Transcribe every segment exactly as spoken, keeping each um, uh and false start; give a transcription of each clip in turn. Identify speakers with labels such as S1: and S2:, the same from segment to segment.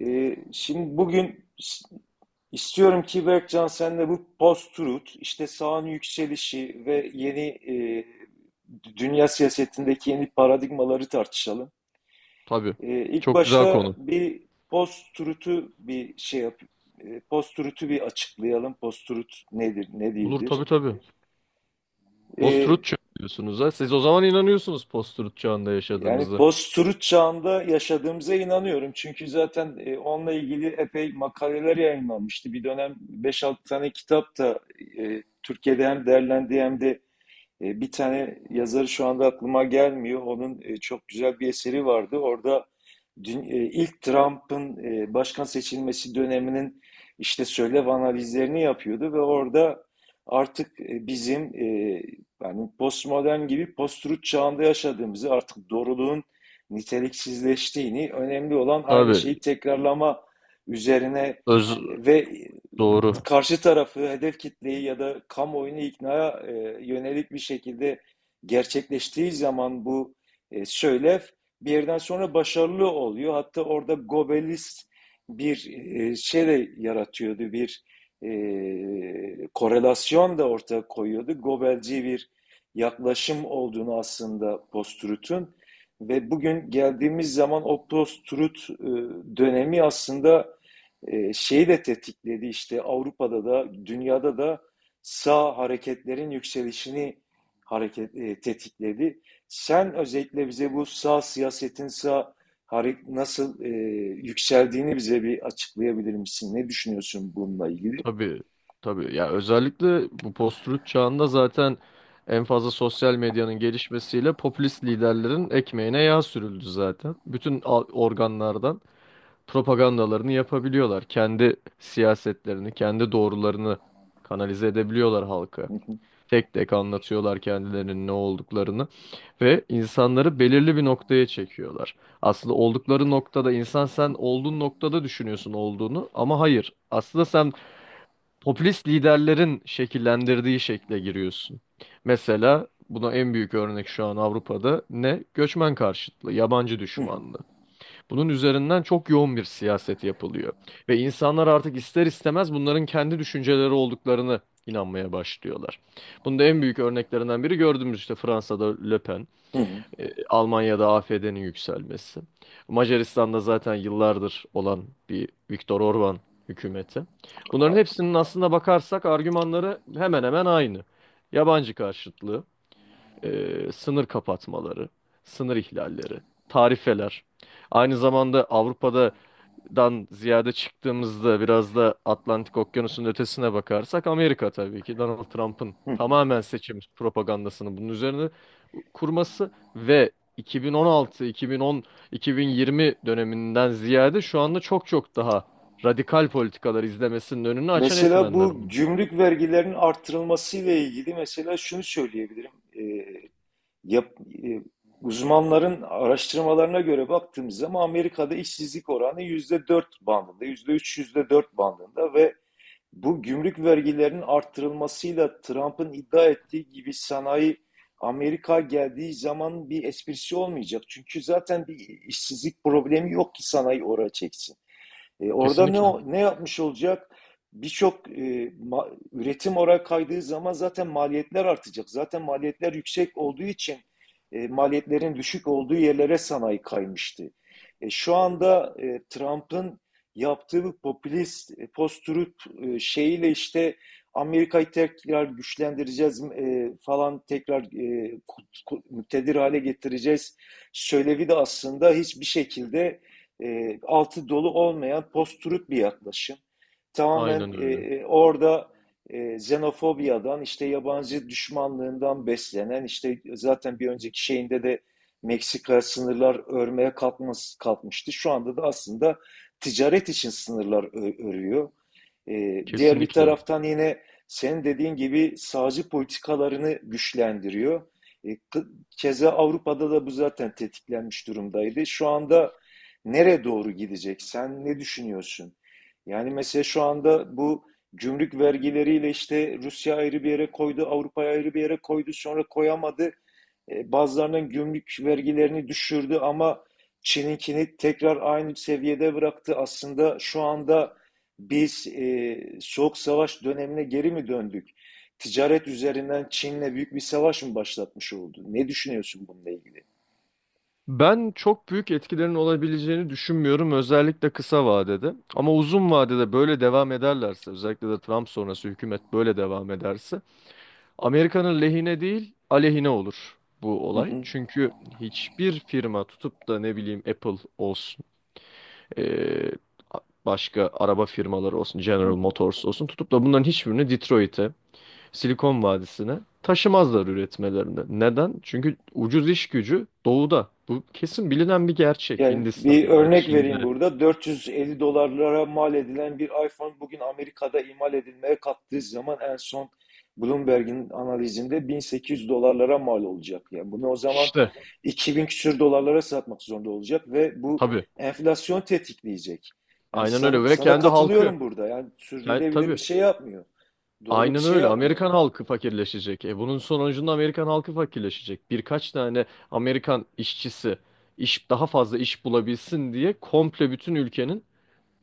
S1: Ee, şimdi bugün istiyorum ki Berkcan sen de bu post-truth, işte sağın yükselişi ve yeni e, dünya siyasetindeki yeni paradigmaları tartışalım.
S2: Tabii.
S1: Ee, ilk
S2: Çok güzel
S1: başta
S2: konu.
S1: bir post-truth'u bir şey yap, e, post-truth'u bir açıklayalım. Post-truth nedir, ne
S2: Olur tabii
S1: değildir?
S2: tabii. Post-truth
S1: Ee,
S2: çağı diyorsunuz ha. Siz o zaman inanıyorsunuz post-truth çağında
S1: Yani
S2: yaşadığımızı.
S1: post-truth çağında yaşadığımıza inanıyorum. Çünkü zaten e, onunla ilgili epey makaleler yayınlanmıştı. Bir dönem beş altı tane kitap da e, Türkiye'de hem derlendi hem de e, bir tane yazarı şu anda aklıma gelmiyor. Onun e, çok güzel bir eseri vardı. Orada dün- e, ilk Trump'ın e, başkan seçilmesi döneminin işte söylev analizlerini yapıyordu ve orada artık e, bizim e, yani postmodern gibi post-truth çağında yaşadığımızı, artık doğruluğun niteliksizleştiğini, önemli olan aynı şeyi
S2: Tabii.
S1: tekrarlama üzerine
S2: Öz
S1: e, ve
S2: doğru.
S1: karşı tarafı, hedef kitleyi ya da kamuoyunu iknaya e, yönelik bir şekilde gerçekleştiği zaman bu e, söylev bir yerden sonra başarılı oluyor. Hatta orada Gobelist bir e, şey de yaratıyordu, bir e, korelasyon da ortaya koyuyordu. Gobelci bir yaklaşım olduğunu aslında post-truth'un ve bugün geldiğimiz zaman o post-truth e, dönemi aslında e, şeyi de tetikledi işte Avrupa'da da dünyada da sağ hareketlerin yükselişini hareket e, tetikledi. Sen özellikle bize bu sağ siyasetin sağ hare- nasıl e, yükseldiğini bize bir açıklayabilir misin? Ne düşünüyorsun bununla ilgili?
S2: Tabii. Tabii. Ya özellikle bu post-truth çağında zaten en fazla sosyal medyanın gelişmesiyle popülist liderlerin ekmeğine yağ sürüldü zaten. Bütün a- organlardan propagandalarını yapabiliyorlar. Kendi siyasetlerini, kendi doğrularını kanalize edebiliyorlar halka.
S1: Hı hı,
S2: Tek tek anlatıyorlar kendilerinin ne olduklarını. Ve insanları belirli bir noktaya çekiyorlar. Aslında oldukları noktada insan sen olduğun noktada düşünüyorsun olduğunu ama hayır. Aslında sen popülist liderlerin şekillendirdiği şekle giriyorsun. Mesela buna en büyük örnek şu an Avrupa'da ne? Göçmen karşıtlığı, yabancı
S1: hı
S2: düşmanlığı. Bunun üzerinden çok yoğun bir siyaset yapılıyor. Ve insanlar artık ister istemez bunların kendi düşünceleri olduklarını inanmaya başlıyorlar. Bunda en büyük örneklerinden biri gördüğümüz işte Fransa'da Le Pen.
S1: hı,
S2: E, Almanya'da AfD'nin yükselmesi. Macaristan'da zaten yıllardır olan bir Viktor Orban hükümeti.
S1: hı
S2: Bunların hepsinin aslında bakarsak argümanları hemen hemen aynı. Yabancı karşıtlığı, e, sınır kapatmaları, sınır ihlalleri, tarifeler. Aynı zamanda Avrupa'dan ziyade çıktığımızda biraz da Atlantik Okyanusu'nun ötesine bakarsak Amerika tabii ki Donald Trump'ın
S1: hı.
S2: tamamen seçim propagandasını bunun üzerine kurması ve iki bin on altı, iki bin on, iki bin yirmi döneminden ziyade şu anda çok çok daha radikal politikalar izlemesinin önünü açan
S1: Mesela
S2: etmenler
S1: bu
S2: oldu.
S1: gümrük vergilerinin arttırılmasıyla ilgili mesela şunu söyleyebilirim. E, yap, e, Uzmanların araştırmalarına göre baktığımız zaman Amerika'da işsizlik oranı yüzde dört bandında, yüzde üç yüzde dört bandında ve bu gümrük vergilerinin arttırılmasıyla Trump'ın iddia ettiği gibi sanayi Amerika geldiği zaman bir esprisi olmayacak. Çünkü zaten bir işsizlik problemi yok ki sanayi oraya çeksin. E, orada
S2: Kesinlikle.
S1: ne ne yapmış olacak? Birçok e, üretim oraya kaydığı zaman zaten maliyetler artacak. Zaten maliyetler yüksek olduğu için e, maliyetlerin düşük olduğu yerlere sanayi kaymıştı. E, şu anda e, Trump'ın yaptığı bu popülist e, post-truth e, şeyiyle işte Amerika'yı tekrar güçlendireceğiz e, falan tekrar e, muktedir hale getireceğiz söylevi de aslında hiçbir şekilde e, altı dolu olmayan post-truth bir yaklaşım. Tamamen
S2: Aynen
S1: e,
S2: öyle.
S1: e, orada e, xenofobiyadan, işte yabancı düşmanlığından beslenen, işte zaten bir önceki şeyinde de Meksika sınırlar örmeye kalkmaz, kalkmıştı. Şu anda da aslında ticaret için sınırlar örüyor. E, diğer bir
S2: Kesinlikle.
S1: taraftan yine senin dediğin gibi sağcı politikalarını güçlendiriyor. E, Keza Avrupa'da da bu zaten tetiklenmiş durumdaydı. Şu anda nereye doğru gidecek? Sen ne düşünüyorsun? Yani mesela şu anda bu gümrük vergileriyle işte Rusya ayrı bir yere koydu, Avrupa ayrı bir yere koydu, sonra koyamadı. E, Bazılarının gümrük vergilerini düşürdü ama Çin'inkini tekrar aynı seviyede bıraktı. Aslında şu anda biz e, soğuk savaş dönemine geri mi döndük? Ticaret üzerinden Çin'le büyük bir savaş mı başlatmış oldu? Ne düşünüyorsun bununla ilgili?
S2: Ben çok büyük etkilerin olabileceğini düşünmüyorum özellikle kısa vadede. Ama uzun vadede böyle devam ederlerse özellikle de Trump sonrası hükümet böyle devam ederse Amerika'nın lehine değil aleyhine olur bu olay.
S1: Hı,
S2: Çünkü hiçbir firma tutup da ne bileyim Apple olsun e, başka araba firmaları olsun, General
S1: hı.
S2: Motors olsun tutup da bunların hiçbirini Detroit'e, Silikon Vadisi'ne taşımazlar üretmelerini. Neden? Çünkü ucuz iş gücü doğuda. Bu kesin bilinen bir gerçek.
S1: Yani bir
S2: Hindistan'da,
S1: örnek vereyim
S2: Çin'de.
S1: burada. dört yüz elli dolarlara mal edilen bir iPhone bugün Amerika'da imal edilmeye kalktığı zaman en son Bloomberg'in analizinde bin sekiz yüz dolarlara mal olacak. Yani bunu o zaman
S2: İşte
S1: iki bin küsür dolarlara satmak zorunda olacak ve bu
S2: tabii.
S1: enflasyon tetikleyecek. Yani
S2: Aynen
S1: sana,
S2: öyle ve
S1: sana
S2: kendi halkı.
S1: katılıyorum burada. Yani
S2: Kend,
S1: sürdürülebilir bir
S2: tabii.
S1: şey yapmıyor. Doğru bir
S2: Aynen
S1: şey
S2: öyle.
S1: yapmıyor.
S2: Amerikan halkı fakirleşecek. E bunun sonucunda Amerikan halkı fakirleşecek. Birkaç tane Amerikan işçisi iş daha fazla iş bulabilsin diye komple bütün ülkenin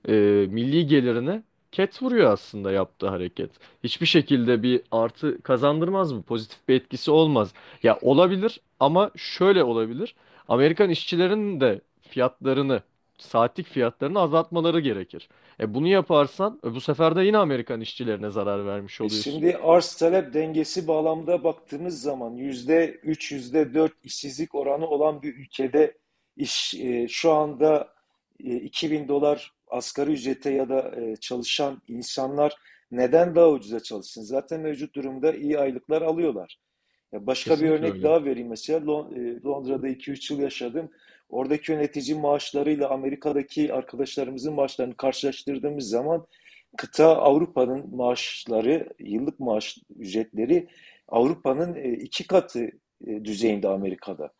S2: e, milli gelirini ket vuruyor aslında yaptığı hareket. Hiçbir şekilde bir artı kazandırmaz mı? Pozitif bir etkisi olmaz. Ya olabilir ama şöyle olabilir. Amerikan işçilerinin de fiyatlarını, saatlik fiyatlarını azaltmaları gerekir. E bunu yaparsan e, bu sefer de yine Amerikan işçilerine zarar vermiş
S1: E
S2: oluyorsun.
S1: şimdi arz talep dengesi bağlamda baktığımız zaman yüzde üç, yüzde dört işsizlik oranı olan bir ülkede iş e, şu anda e, iki bin dolar asgari ücrete ya da e, çalışan insanlar neden daha ucuza çalışsın? Zaten mevcut durumda iyi aylıklar alıyorlar. Ya başka bir
S2: Kesinlikle
S1: örnek
S2: öyle.
S1: daha vereyim mesela Lon- e, Londra'da iki üç yıl yaşadım. Oradaki yönetici maaşlarıyla Amerika'daki arkadaşlarımızın maaşlarını karşılaştırdığımız zaman kıta Avrupa'nın maaşları, yıllık maaş ücretleri Avrupa'nın e, iki katı e, düzeyinde Amerika'da.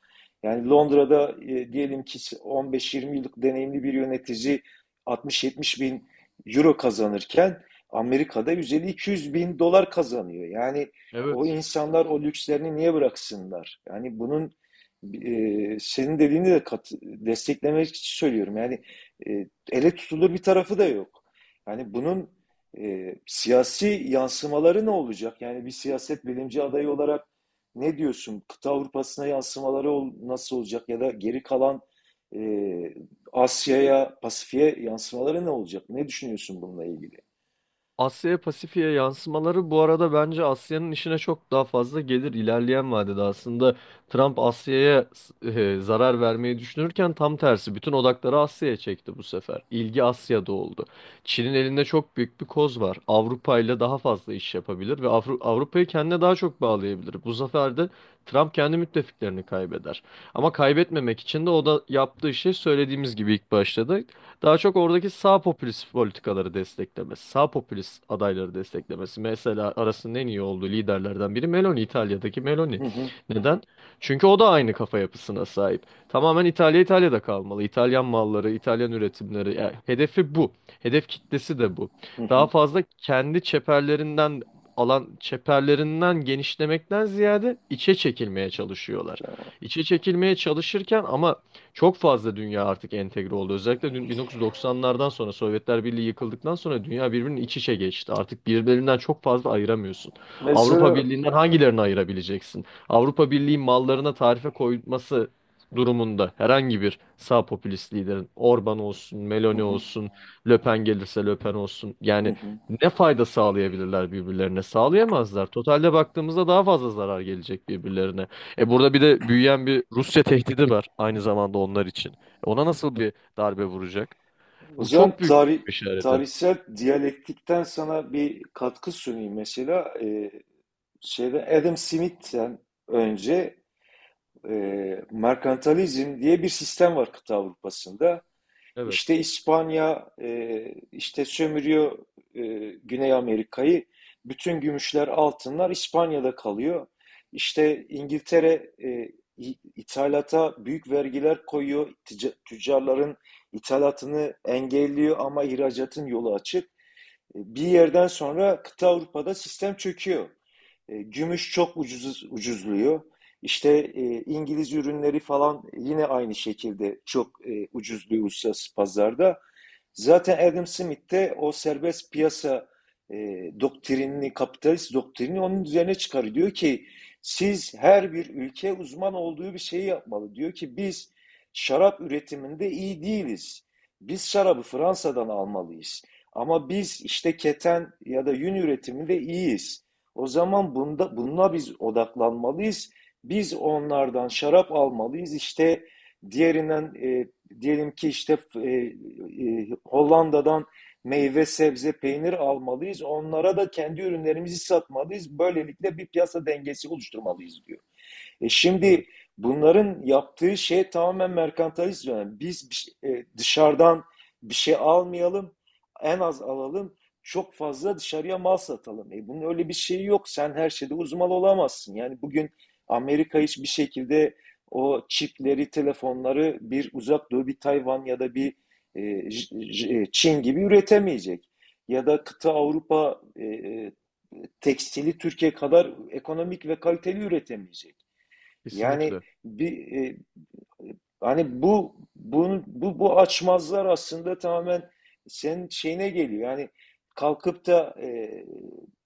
S1: Yani Londra'da e, diyelim ki on beş yirmi yıllık deneyimli bir yönetici altmış yetmiş bin euro kazanırken Amerika'da yüz elli iki yüz bin dolar kazanıyor. Yani o
S2: Evet.
S1: insanlar o lükslerini niye bıraksınlar? Yani bunun e, senin dediğini de kat, desteklemek için söylüyorum. Yani e, ele tutulur bir tarafı da yok. Yani bunun e, siyasi yansımaları ne olacak? Yani bir siyaset bilimci adayı olarak ne diyorsun? Kıta Avrupa'sına yansımaları ol- nasıl olacak? Ya da geri kalan e, Asya'ya, Pasifik'e yansımaları ne olacak? Ne düşünüyorsun bununla ilgili?
S2: Asya'ya Pasifik'e yansımaları bu arada bence Asya'nın işine çok daha fazla gelir ilerleyen vadede. Aslında Trump Asya'ya e, zarar vermeyi düşünürken tam tersi bütün odakları Asya'ya çekti bu sefer. İlgi Asya'da oldu. Çin'in elinde çok büyük bir koz var. Avrupa ile daha fazla iş yapabilir ve Avru- Avrupa'yı kendine daha çok bağlayabilir. Bu sefer de Trump kendi müttefiklerini kaybeder. Ama kaybetmemek için de o da yaptığı şey söylediğimiz gibi ilk başta da daha çok oradaki sağ popülist politikaları desteklemesi, sağ popülist adayları desteklemesi. Mesela arasının en iyi olduğu liderlerden biri Meloni, İtalya'daki Meloni.
S1: Hı hı,
S2: Neden? Çünkü o da aynı kafa yapısına sahip. Tamamen İtalya İtalya'da kalmalı. İtalyan malları, İtalyan üretimleri. Yani hedefi bu. Hedef kitlesi de bu.
S1: hı
S2: Daha
S1: hı.
S2: fazla kendi çeperlerinden alan çeperlerinden genişlemekten ziyade içe çekilmeye çalışıyorlar. İçe çekilmeye çalışırken ama çok fazla dünya artık entegre oldu. Özellikle dün- doksanlardan sonra Sovyetler Birliği yıkıldıktan sonra dünya birbirinin iç içe geçti. Artık birbirlerinden çok fazla ayıramıyorsun. Avrupa
S1: Mesela
S2: Birliği'nden hangilerini ayırabileceksin? Avrupa Birliği mallarına tarife koyması durumunda herhangi bir sağ popülist liderin Orban olsun,
S1: hı
S2: Meloni
S1: hı,
S2: olsun, Le Pen gelirse Le Pen olsun.
S1: hı
S2: Yani
S1: hı.
S2: ne fayda sağlayabilirler birbirlerine? Sağlayamazlar. Totalde baktığımızda daha fazla zarar gelecek birbirlerine. E burada bir de büyüyen bir Rusya tehdidi var aynı zamanda onlar için. E ona nasıl bir darbe vuracak?
S1: O
S2: Bu
S1: zaman
S2: çok büyük
S1: tarih,
S2: bir işareti.
S1: tarihsel diyalektikten sana bir katkı sunayım. Mesela e, şeyde Adam Smith'ten önce e, merkantilizm diye bir sistem var kıta Avrupa'sında. İşte
S2: Evet,
S1: İspanya e, işte sömürüyor e, Güney Amerika'yı. Bütün gümüşler, altınlar İspanya'da kalıyor. İşte İngiltere e, ithalata büyük vergiler koyuyor. Tüccarların ithalatını engelliyor ama ihracatın yolu açık. E, bir yerden sonra kıta Avrupa'da sistem çöküyor. E, Gümüş çok ucuz, ucuzluyor. İşte e, İngiliz ürünleri falan yine aynı şekilde çok e, ucuzluyor uluslararası pazarda. Zaten Adam Smith de o serbest piyasa e, doktrinini, kapitalist doktrinini onun üzerine çıkarıyor. Diyor ki siz her bir ülke uzman olduğu bir şeyi yapmalı. Diyor ki biz şarap üretiminde iyi değiliz. Biz şarabı Fransa'dan almalıyız. Ama biz işte keten ya da yün üretiminde iyiyiz. O zaman bunda, bununla biz odaklanmalıyız. Biz onlardan şarap almalıyız. İşte diğerinden e, diyelim ki işte e, e, Hollanda'dan meyve, sebze, peynir almalıyız. Onlara da kendi ürünlerimizi satmalıyız. Böylelikle bir piyasa dengesi oluşturmalıyız diyor. E
S2: evet,
S1: şimdi bunların yaptığı şey tamamen merkantilizm. Yani biz şey- e, dışarıdan bir şey almayalım, en az alalım, çok fazla dışarıya mal satalım. E bunun öyle bir şeyi yok. Sen her şeyde uzman olamazsın. Yani bugün Amerika hiçbir şekilde o çipleri, telefonları bir uzak doğu, bir Tayvan ya da bir e, Çin gibi üretemeyecek. Ya da kıta Avrupa e, e, tekstili Türkiye kadar ekonomik ve kaliteli üretemeyecek. Yani
S2: kesinlikle.
S1: bir e, hani bu bunu bu bu açmazlar aslında tamamen senin şeyine geliyor. Yani kalkıp da e,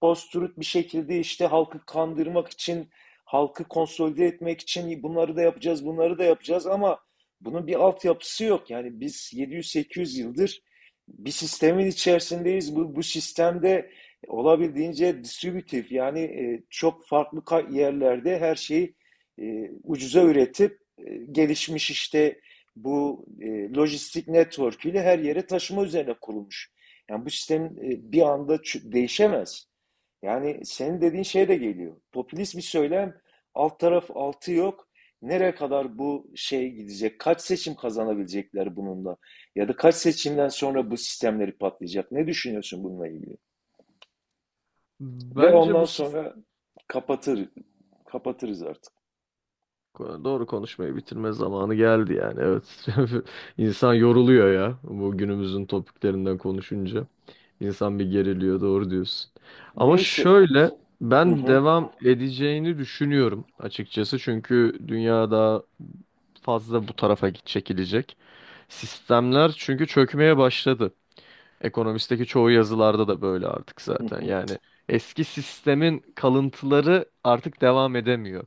S1: post-truth bir şekilde işte halkı kandırmak için, halkı konsolide etmek için bunları da yapacağız, bunları da yapacağız ama bunun bir altyapısı yok. Yani biz yedi yüz sekiz yüz yıldır bir sistemin içerisindeyiz. Bu, bu sistemde olabildiğince distribütif yani e, çok farklı yerlerde her şeyi e, ucuza üretip e, gelişmiş işte bu e, lojistik network ile her yere taşıma üzerine kurulmuş. Yani bu sistem e, bir anda değişemez. Yani senin dediğin şey de geliyor. Popülist bir söylem, alt taraf altı yok. Nereye kadar bu şey gidecek? Kaç seçim kazanabilecekler bununla? Ya da kaç seçimden sonra bu sistemleri patlayacak? Ne düşünüyorsun bununla ilgili? Ve
S2: Bence
S1: ondan
S2: bu sis-
S1: sonra kapatır, kapatırız artık.
S2: Ko- doğru konuşmayı bitirme zamanı geldi yani. Evet. İnsan yoruluyor ya bu günümüzün topiklerinden konuşunca. İnsan bir geriliyor, doğru diyorsun. Ama
S1: Neyse.
S2: şöyle
S1: Hı
S2: ben
S1: hı,
S2: devam edeceğini düşünüyorum açıkçası çünkü dünya daha fazla bu tarafa git- çekilecek. Sistemler çünkü çökmeye başladı. Ekonomist'teki çoğu yazılarda da böyle artık
S1: hı
S2: zaten.
S1: hı.
S2: Yani eski sistemin kalıntıları artık devam edemiyor.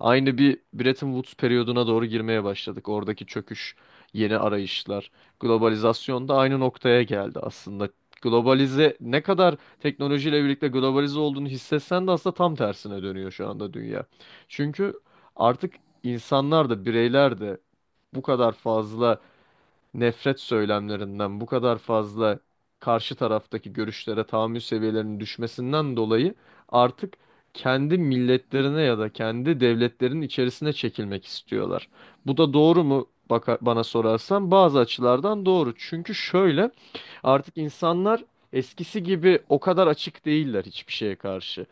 S2: Aynı bir Bretton Woods periyoduna doğru girmeye başladık. Oradaki çöküş, yeni arayışlar, globalizasyon da aynı noktaya geldi aslında. Globalize ne kadar teknolojiyle birlikte globalize olduğunu hissetsen de aslında tam tersine dönüyor şu anda dünya. Çünkü artık insanlar da bireyler de bu kadar fazla nefret söylemlerinden bu kadar fazla karşı taraftaki görüşlere tahammül seviyelerinin düşmesinden dolayı artık kendi milletlerine ya da kendi devletlerinin içerisine çekilmek istiyorlar. Bu da doğru mu? Baka- bana sorarsan bazı açılardan doğru. Çünkü şöyle artık insanlar eskisi gibi o kadar açık değiller hiçbir şeye karşı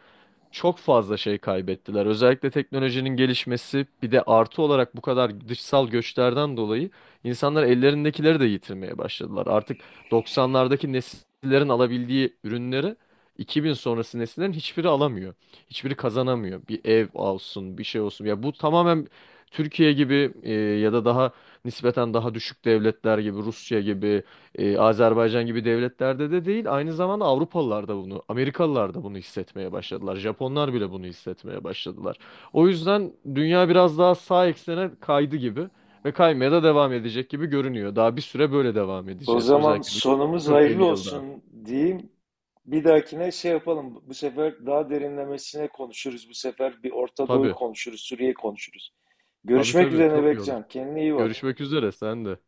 S2: çok fazla şey kaybettiler. Özellikle teknolojinin gelişmesi bir de artı olarak bu kadar dışsal göçlerden dolayı insanlar ellerindekileri de yitirmeye başladılar. Artık doksanlardaki nesillerin alabildiği ürünleri iki bin sonrası nesillerin hiçbiri alamıyor. Hiçbiri kazanamıyor. Bir ev olsun, bir şey olsun. Ya bu tamamen Türkiye gibi e, ya da daha nispeten daha düşük devletler gibi Rusya gibi e, Azerbaycan gibi devletlerde de değil, aynı zamanda Avrupalılar da bunu, Amerikalılar da bunu hissetmeye başladılar. Japonlar bile bunu hissetmeye başladılar. O yüzden dünya biraz daha sağ eksene kaydı gibi ve kaymaya da devam edecek gibi görünüyor. Daha bir süre böyle devam
S1: O
S2: edeceğiz.
S1: zaman
S2: Özellikle bir
S1: sonumuz hayırlı
S2: kırk elli yıl daha.
S1: olsun diyeyim. Bir dahakine şey yapalım. Bu sefer daha derinlemesine konuşuruz. Bu sefer bir Orta Doğu'yu
S2: Tabii,
S1: konuşuruz, Suriye'yi konuşuruz.
S2: tabii
S1: Görüşmek
S2: tabii
S1: üzere
S2: çok iyi olur.
S1: Bekcan. Kendine iyi bak.
S2: Görüşmek üzere sen de.